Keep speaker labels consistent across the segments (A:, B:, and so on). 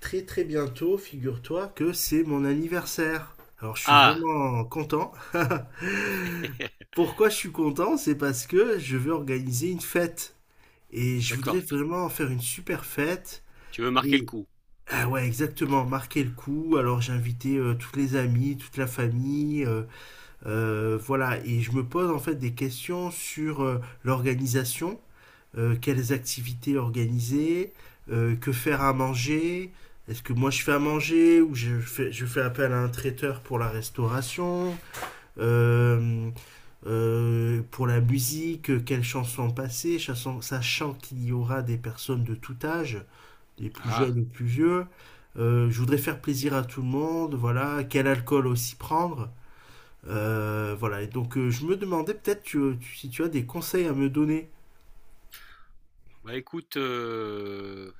A: Très très bientôt, figure-toi que c'est mon anniversaire. Alors je suis
B: Ah!
A: vraiment content. Pourquoi je suis content? C'est parce que je veux organiser une fête. Et je voudrais
B: D'accord, tu
A: vraiment faire une super fête.
B: tu veux marquer le
A: Et
B: coup.
A: ah ouais, exactement, marquer le coup. Alors j'ai invité toutes les amies, toute la famille, voilà. Et je me pose en fait des questions sur l'organisation, quelles activités organiser, que faire à manger, est-ce que moi je fais à manger ou je fais appel à un traiteur pour la restauration, euh, pour la musique, quelles chansons passer, sachant qu'il y aura des personnes de tout âge, des plus
B: Ah,
A: jeunes et plus vieux. Je voudrais faire plaisir à tout le monde, voilà, quel alcool aussi prendre. Voilà, et donc je me demandais peut-être si tu as des conseils à me donner.
B: bah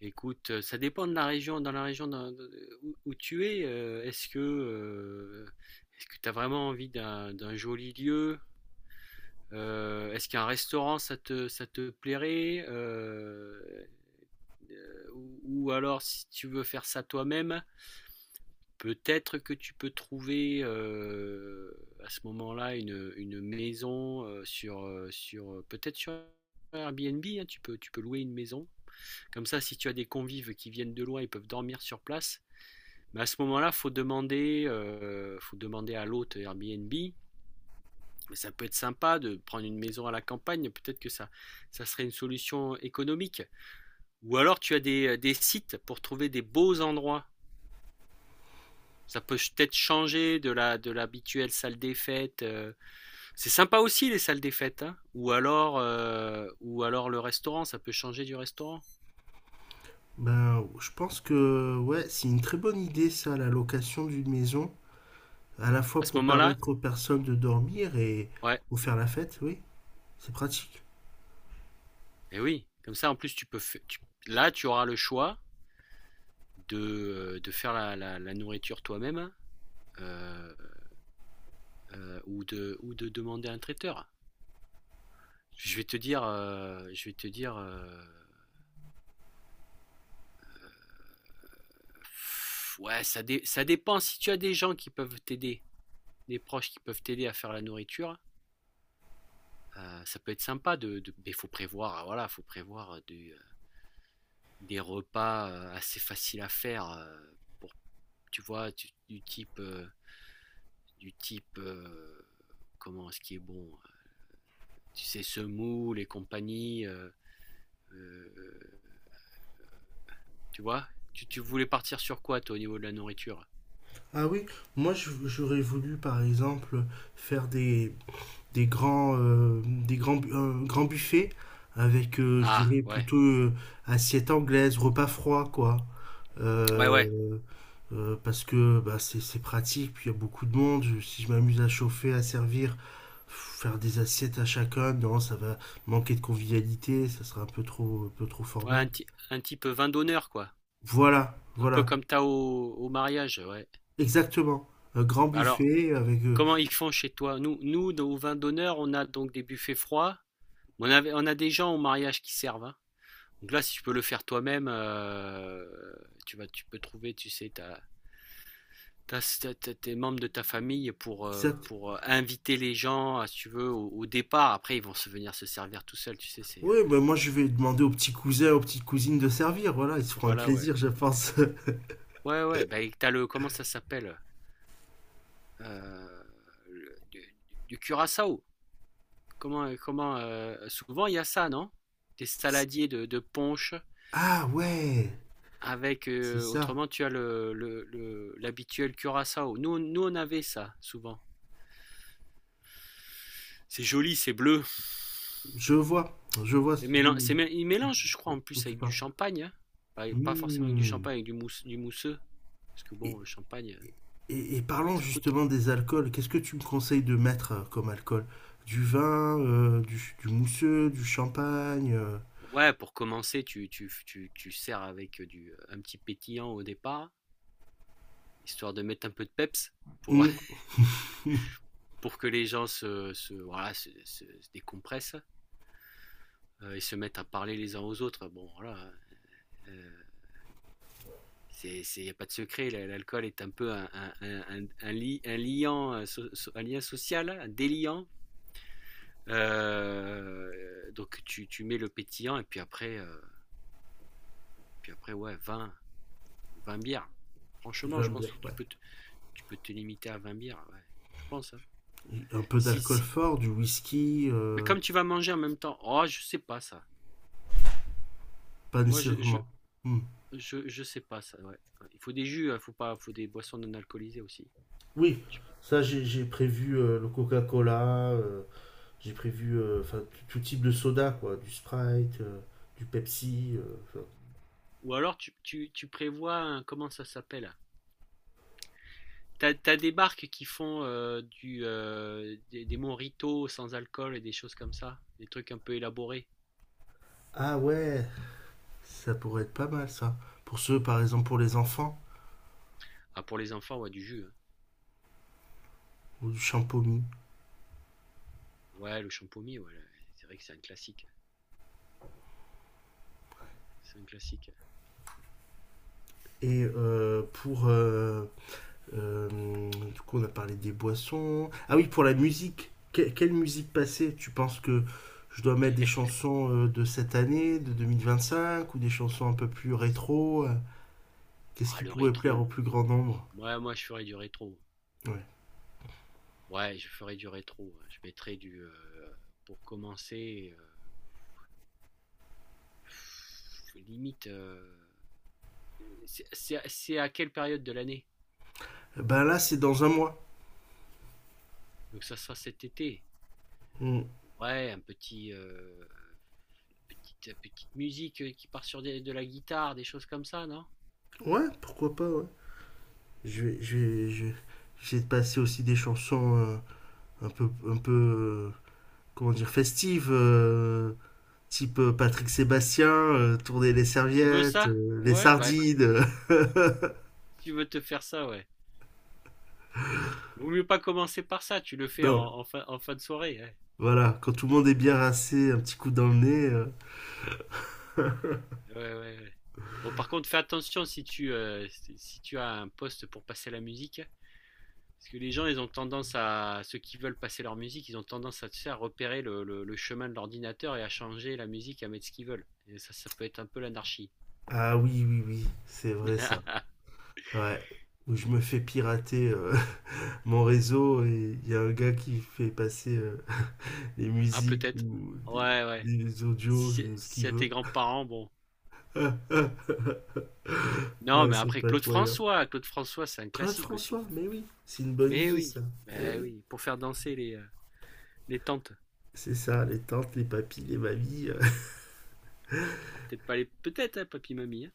B: écoute, ça dépend de la région dans de où tu es, est-ce que tu as vraiment envie d'un joli lieu? Est-ce qu'un restaurant ça te plairait? Ou alors si tu veux faire ça toi-même, peut-être que tu peux trouver, à ce moment-là une maison, peut-être sur Airbnb, hein, tu peux louer une maison. Comme ça, si tu as des convives qui viennent de loin, ils peuvent dormir sur place. Mais à ce moment-là, faut demander à l'hôte Airbnb. Mais ça peut être sympa de prendre une maison à la campagne, peut-être que ça serait une solution économique. Ou alors tu as des sites pour trouver des beaux endroits. Ça peut peut-être changer de la de l'habituelle salle des fêtes. C'est sympa aussi les salles des fêtes, hein. Ou alors le restaurant, ça peut changer du restaurant.
A: Ben, je pense que ouais, c'est une très bonne idée ça, la location d'une maison, à la
B: À
A: fois
B: ce
A: pour
B: moment-là,
A: permettre aux personnes de dormir et
B: ouais.
A: pour faire la fête, oui, c'est pratique.
B: Et oui, comme ça en plus tu peux fa- tu- là tu auras le choix de, de faire la nourriture toi-même hein, euh, ou de demander à un traiteur. Je vais te dire ouais, ça dépend si tu as des gens qui peuvent t'aider, des proches qui peuvent t'aider à faire la nourriture. Ça peut être sympa mais il faut prévoir, voilà, faut prévoir des repas assez faciles à faire pour, tu vois, du type, du type, euh, comment ce qui est bon, tu sais, semoule et compagnie, euh, tu vois, tu voulais partir sur quoi, toi, au niveau de la nourriture?
A: Ah oui, j'aurais voulu par exemple faire des grands, un grand buffet avec, je
B: Ah,
A: dirais,
B: ouais,
A: plutôt assiette anglaise, repas froid, quoi.
B: ouais, ouais,
A: Euh, Parce que bah, c'est pratique, puis il y a beaucoup de monde. Si je m'amuse à chauffer, à servir, faire des assiettes à chacun, non, ça va manquer de convivialité, ça sera un peu trop
B: ouais, un,
A: formel.
B: ti- un type vin d'honneur, quoi,
A: Voilà,
B: un peu
A: voilà,
B: comme t'as au mariage, ouais.
A: exactement. Un grand
B: Bah alors,
A: buffet avec...
B: comment ils font chez toi? Nous, nous, au vin d'honneur, on a donc des buffets froids. On a des gens au mariage qui servent. Hein. Donc là, si tu peux le faire toi-même, tu peux trouver, tu sais, tes membres de ta famille pour,
A: exact.
B: inviter les gens, si tu veux, au départ. Après, ils vont se venir se servir tout seuls, tu sais. C'est, euh,
A: Oui, ben moi je vais demander aux petits cousins, aux petites cousines de servir. Voilà, ils se feront un
B: voilà, ouais.
A: plaisir, je pense.
B: Ouais, ouais. Bah, et t'as le, comment ça s'appelle. Euh, le- du, du curaçao. Comment, comment souvent il y a ça, non? Des saladiers de punch.
A: Ah ouais,
B: Avec,
A: c'est ça.
B: autrement, tu as l'habituel curaçao. Nous, nous, on avait ça, souvent. C'est joli, c'est bleu.
A: Je vois, je vois
B: Et
A: ce de-
B: il mélange, je crois, en
A: dont
B: plus
A: tu
B: avec du
A: parles.
B: champagne. Hein. Pas, pas forcément avec du
A: Hmm.
B: champagne, avec du mousseux. Parce que bon,
A: Et,
B: le champagne,
A: et
B: ça,
A: parlons
B: ça coûte.
A: justement des alcools. Qu'est-ce que tu me conseilles de mettre comme alcool? Du vin, du mousseux, du champagne.
B: Ouais, pour commencer, tu sers avec un petit pétillant au départ, histoire de mettre un peu de peps pour,
A: Hmm, hmm,
B: pour que les gens voilà, se décompressent et se mettent à parler les uns aux autres. Bon, voilà. Hein. Euh, il n'y a pas de secret, l'alcool est un peu un liant, un lien social, un déliant. Euh, donc tu mets le pétillant et puis après, ouais, vingt bières. Franchement, je
A: j'aime
B: pense que
A: ouais.
B: tu peux te limiter à 20 bières, ouais, je pense. Hein.
A: Un peu
B: Si,
A: d'alcool
B: si-
A: fort, du whisky,
B: Mais comme tu vas manger en même temps, oh, je sais pas ça.
A: pas
B: Moi, je, je,
A: nécessairement. Hmm.
B: je, je sais pas ça, ouais. Ouais, il faut des jus, il faut pas, faut des boissons non alcoolisées aussi.
A: Oui,
B: Tu-
A: ça j'ai prévu le Coca-Cola, j'ai prévu enfin tout type de soda quoi, du Sprite, du Pepsi. Enfin.
B: Ou alors tu prévois, un- comment ça s'appelle? T'as des barques qui font des mojitos sans alcool et des choses comme ça, des trucs un peu élaborés.
A: Ah ouais, ça pourrait être pas mal ça. Pour ceux par exemple pour les enfants
B: Ah, pour les enfants, ouais, du jus. Hein.
A: ou du champomy.
B: Ouais, le champomy, ouais, c'est vrai que c'est un classique. C'est un classique.
A: Et pour du coup on a parlé des boissons. Ah oui pour la musique. Quelle musique passer? Tu penses que je dois mettre des chansons de cette année, de 2025 ou des chansons un peu plus rétro? Qu'est-ce
B: Ah,
A: qui
B: le
A: pourrait plaire au
B: rétro.
A: plus grand nombre?
B: Ouais, moi, je ferais du rétro.
A: Ouais.
B: Ouais, je ferais du rétro, ouais. Je mettrais du. Pour commencer, limite. C'est à quelle période de l'année?
A: Eh ben là, c'est dans un mois.
B: Donc, ça sera cet été.
A: Mm.
B: Ouais, petite musique qui part sur de la guitare, des choses comme ça, non?
A: Ouais, pourquoi pas, ouais. Je vais, je vais, je vais- J'essaie de passer aussi des chansons un peu, comment dire, festives, type Patrick Sébastien, tourner les
B: Tu veux
A: serviettes,
B: ça?
A: les
B: Ouais, bah, si
A: sardines.
B: tu veux te faire ça, ouais. Vaut mieux pas commencer par ça, tu le fais en,
A: Non,
B: en fin, en fin de soirée. Ouais.
A: voilà, quand tout le monde est bien rincé, un petit coup dans le nez.
B: Ouais, ouais, ouais. Bon, par contre, fais attention si tu as un poste pour passer la musique. Parce que les gens, ils ont tendance à, ceux qui veulent passer leur musique, ils ont tendance à, tu sais, à repérer le chemin de l'ordinateur et à changer la musique, à mettre ce qu'ils veulent. Et ça peut être un peu l'anarchie.
A: Ah oui, oui, oui, c'est vrai ça. Ouais, où je me fais pirater mon réseau et il y a un gars qui fait passer des
B: Ah,
A: musiques
B: peut-être.
A: ou
B: Ouais, ouais.
A: des audios,
B: Si,
A: ce
B: si
A: qu'il
B: à
A: veut.
B: tes grands-parents, bon. Non,
A: Ouais,
B: mais
A: c'est
B: après Claude
A: patoyant.
B: François, Claude François, c'est un
A: Claude
B: classique aussi.
A: François, mais oui, c'est une bonne idée ça. Eh
B: Mais
A: oui,
B: oui, pour faire danser les tantes.
A: c'est ça, les tantes, les papis, les mamies.
B: Alors, peut-être pas les, peut-être hein, papy mamie. Hein.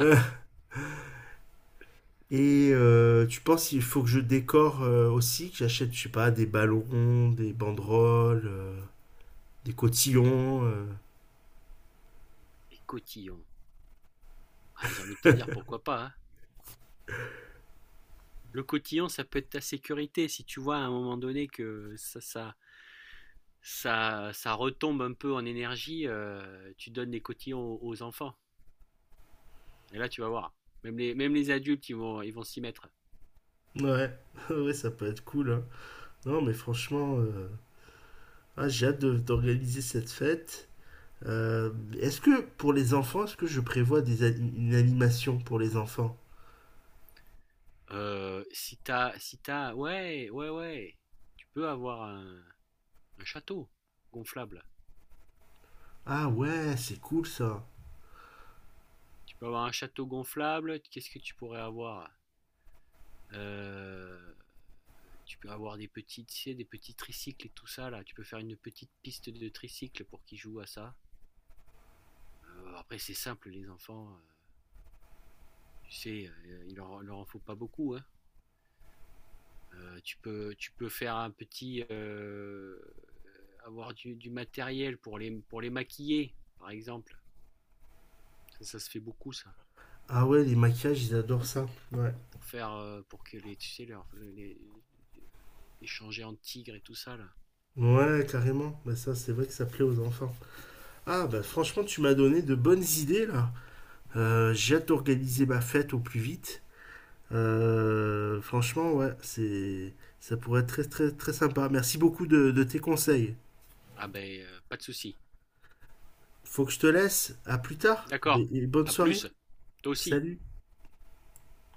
A: euh. Et tu penses qu'il faut que je décore aussi, que j'achète, je sais pas, des ballons, des banderoles, des cotillons.
B: Les cotillons. Ah, j'ai envie de te dire pourquoi pas. Hein. Le cotillon, ça peut être ta sécurité si tu vois à un moment donné que ça retombe un peu en énergie. Tu donnes des cotillons aux enfants. Et là, tu vas voir. Même les adultes, ils vont s'y mettre.
A: Ouais, ouais, ça peut être cool. Hein. Non, mais franchement, ah, j'ai hâte d'organiser cette fête. Euh, Est-ce que pour les enfants, est-ce que je prévois une animation pour les enfants?
B: Si t'as, si t'as, ouais, ouais, ouais, tu peux avoir un château gonflable.
A: Ah ouais, c'est cool ça.
B: Tu peux avoir un château gonflable. Qu'est-ce que tu pourrais avoir? Euh, Tu peux avoir des petits, tu sais, des petits tricycles et tout ça là. Tu peux faire une petite piste de tricycle pour qu'ils jouent à ça. Après, c'est simple, les enfants. Tu sais, leur en faut pas beaucoup. Hein. Tu peux faire avoir du matériel pour les maquiller, par exemple. Ça se fait beaucoup ça.
A: Ah ouais, les maquillages, ils adorent ça. Ouais.
B: Pour que les, tu sais, les, échanger en tigre et tout ça là.
A: Ouais, carrément. Bah ça, c'est vrai que ça plaît aux enfants. Ah bah franchement, tu m'as donné de bonnes idées là. J'ai hâte d'organiser ma fête au plus vite. Franchement, ouais, c'est ça pourrait être très très très sympa. Merci beaucoup de tes conseils.
B: Ah ben, pas de souci.
A: Faut que je te laisse. À plus tard.
B: D'accord.
A: Et bonne
B: À
A: soirée.
B: plus. Toi aussi.
A: Salut.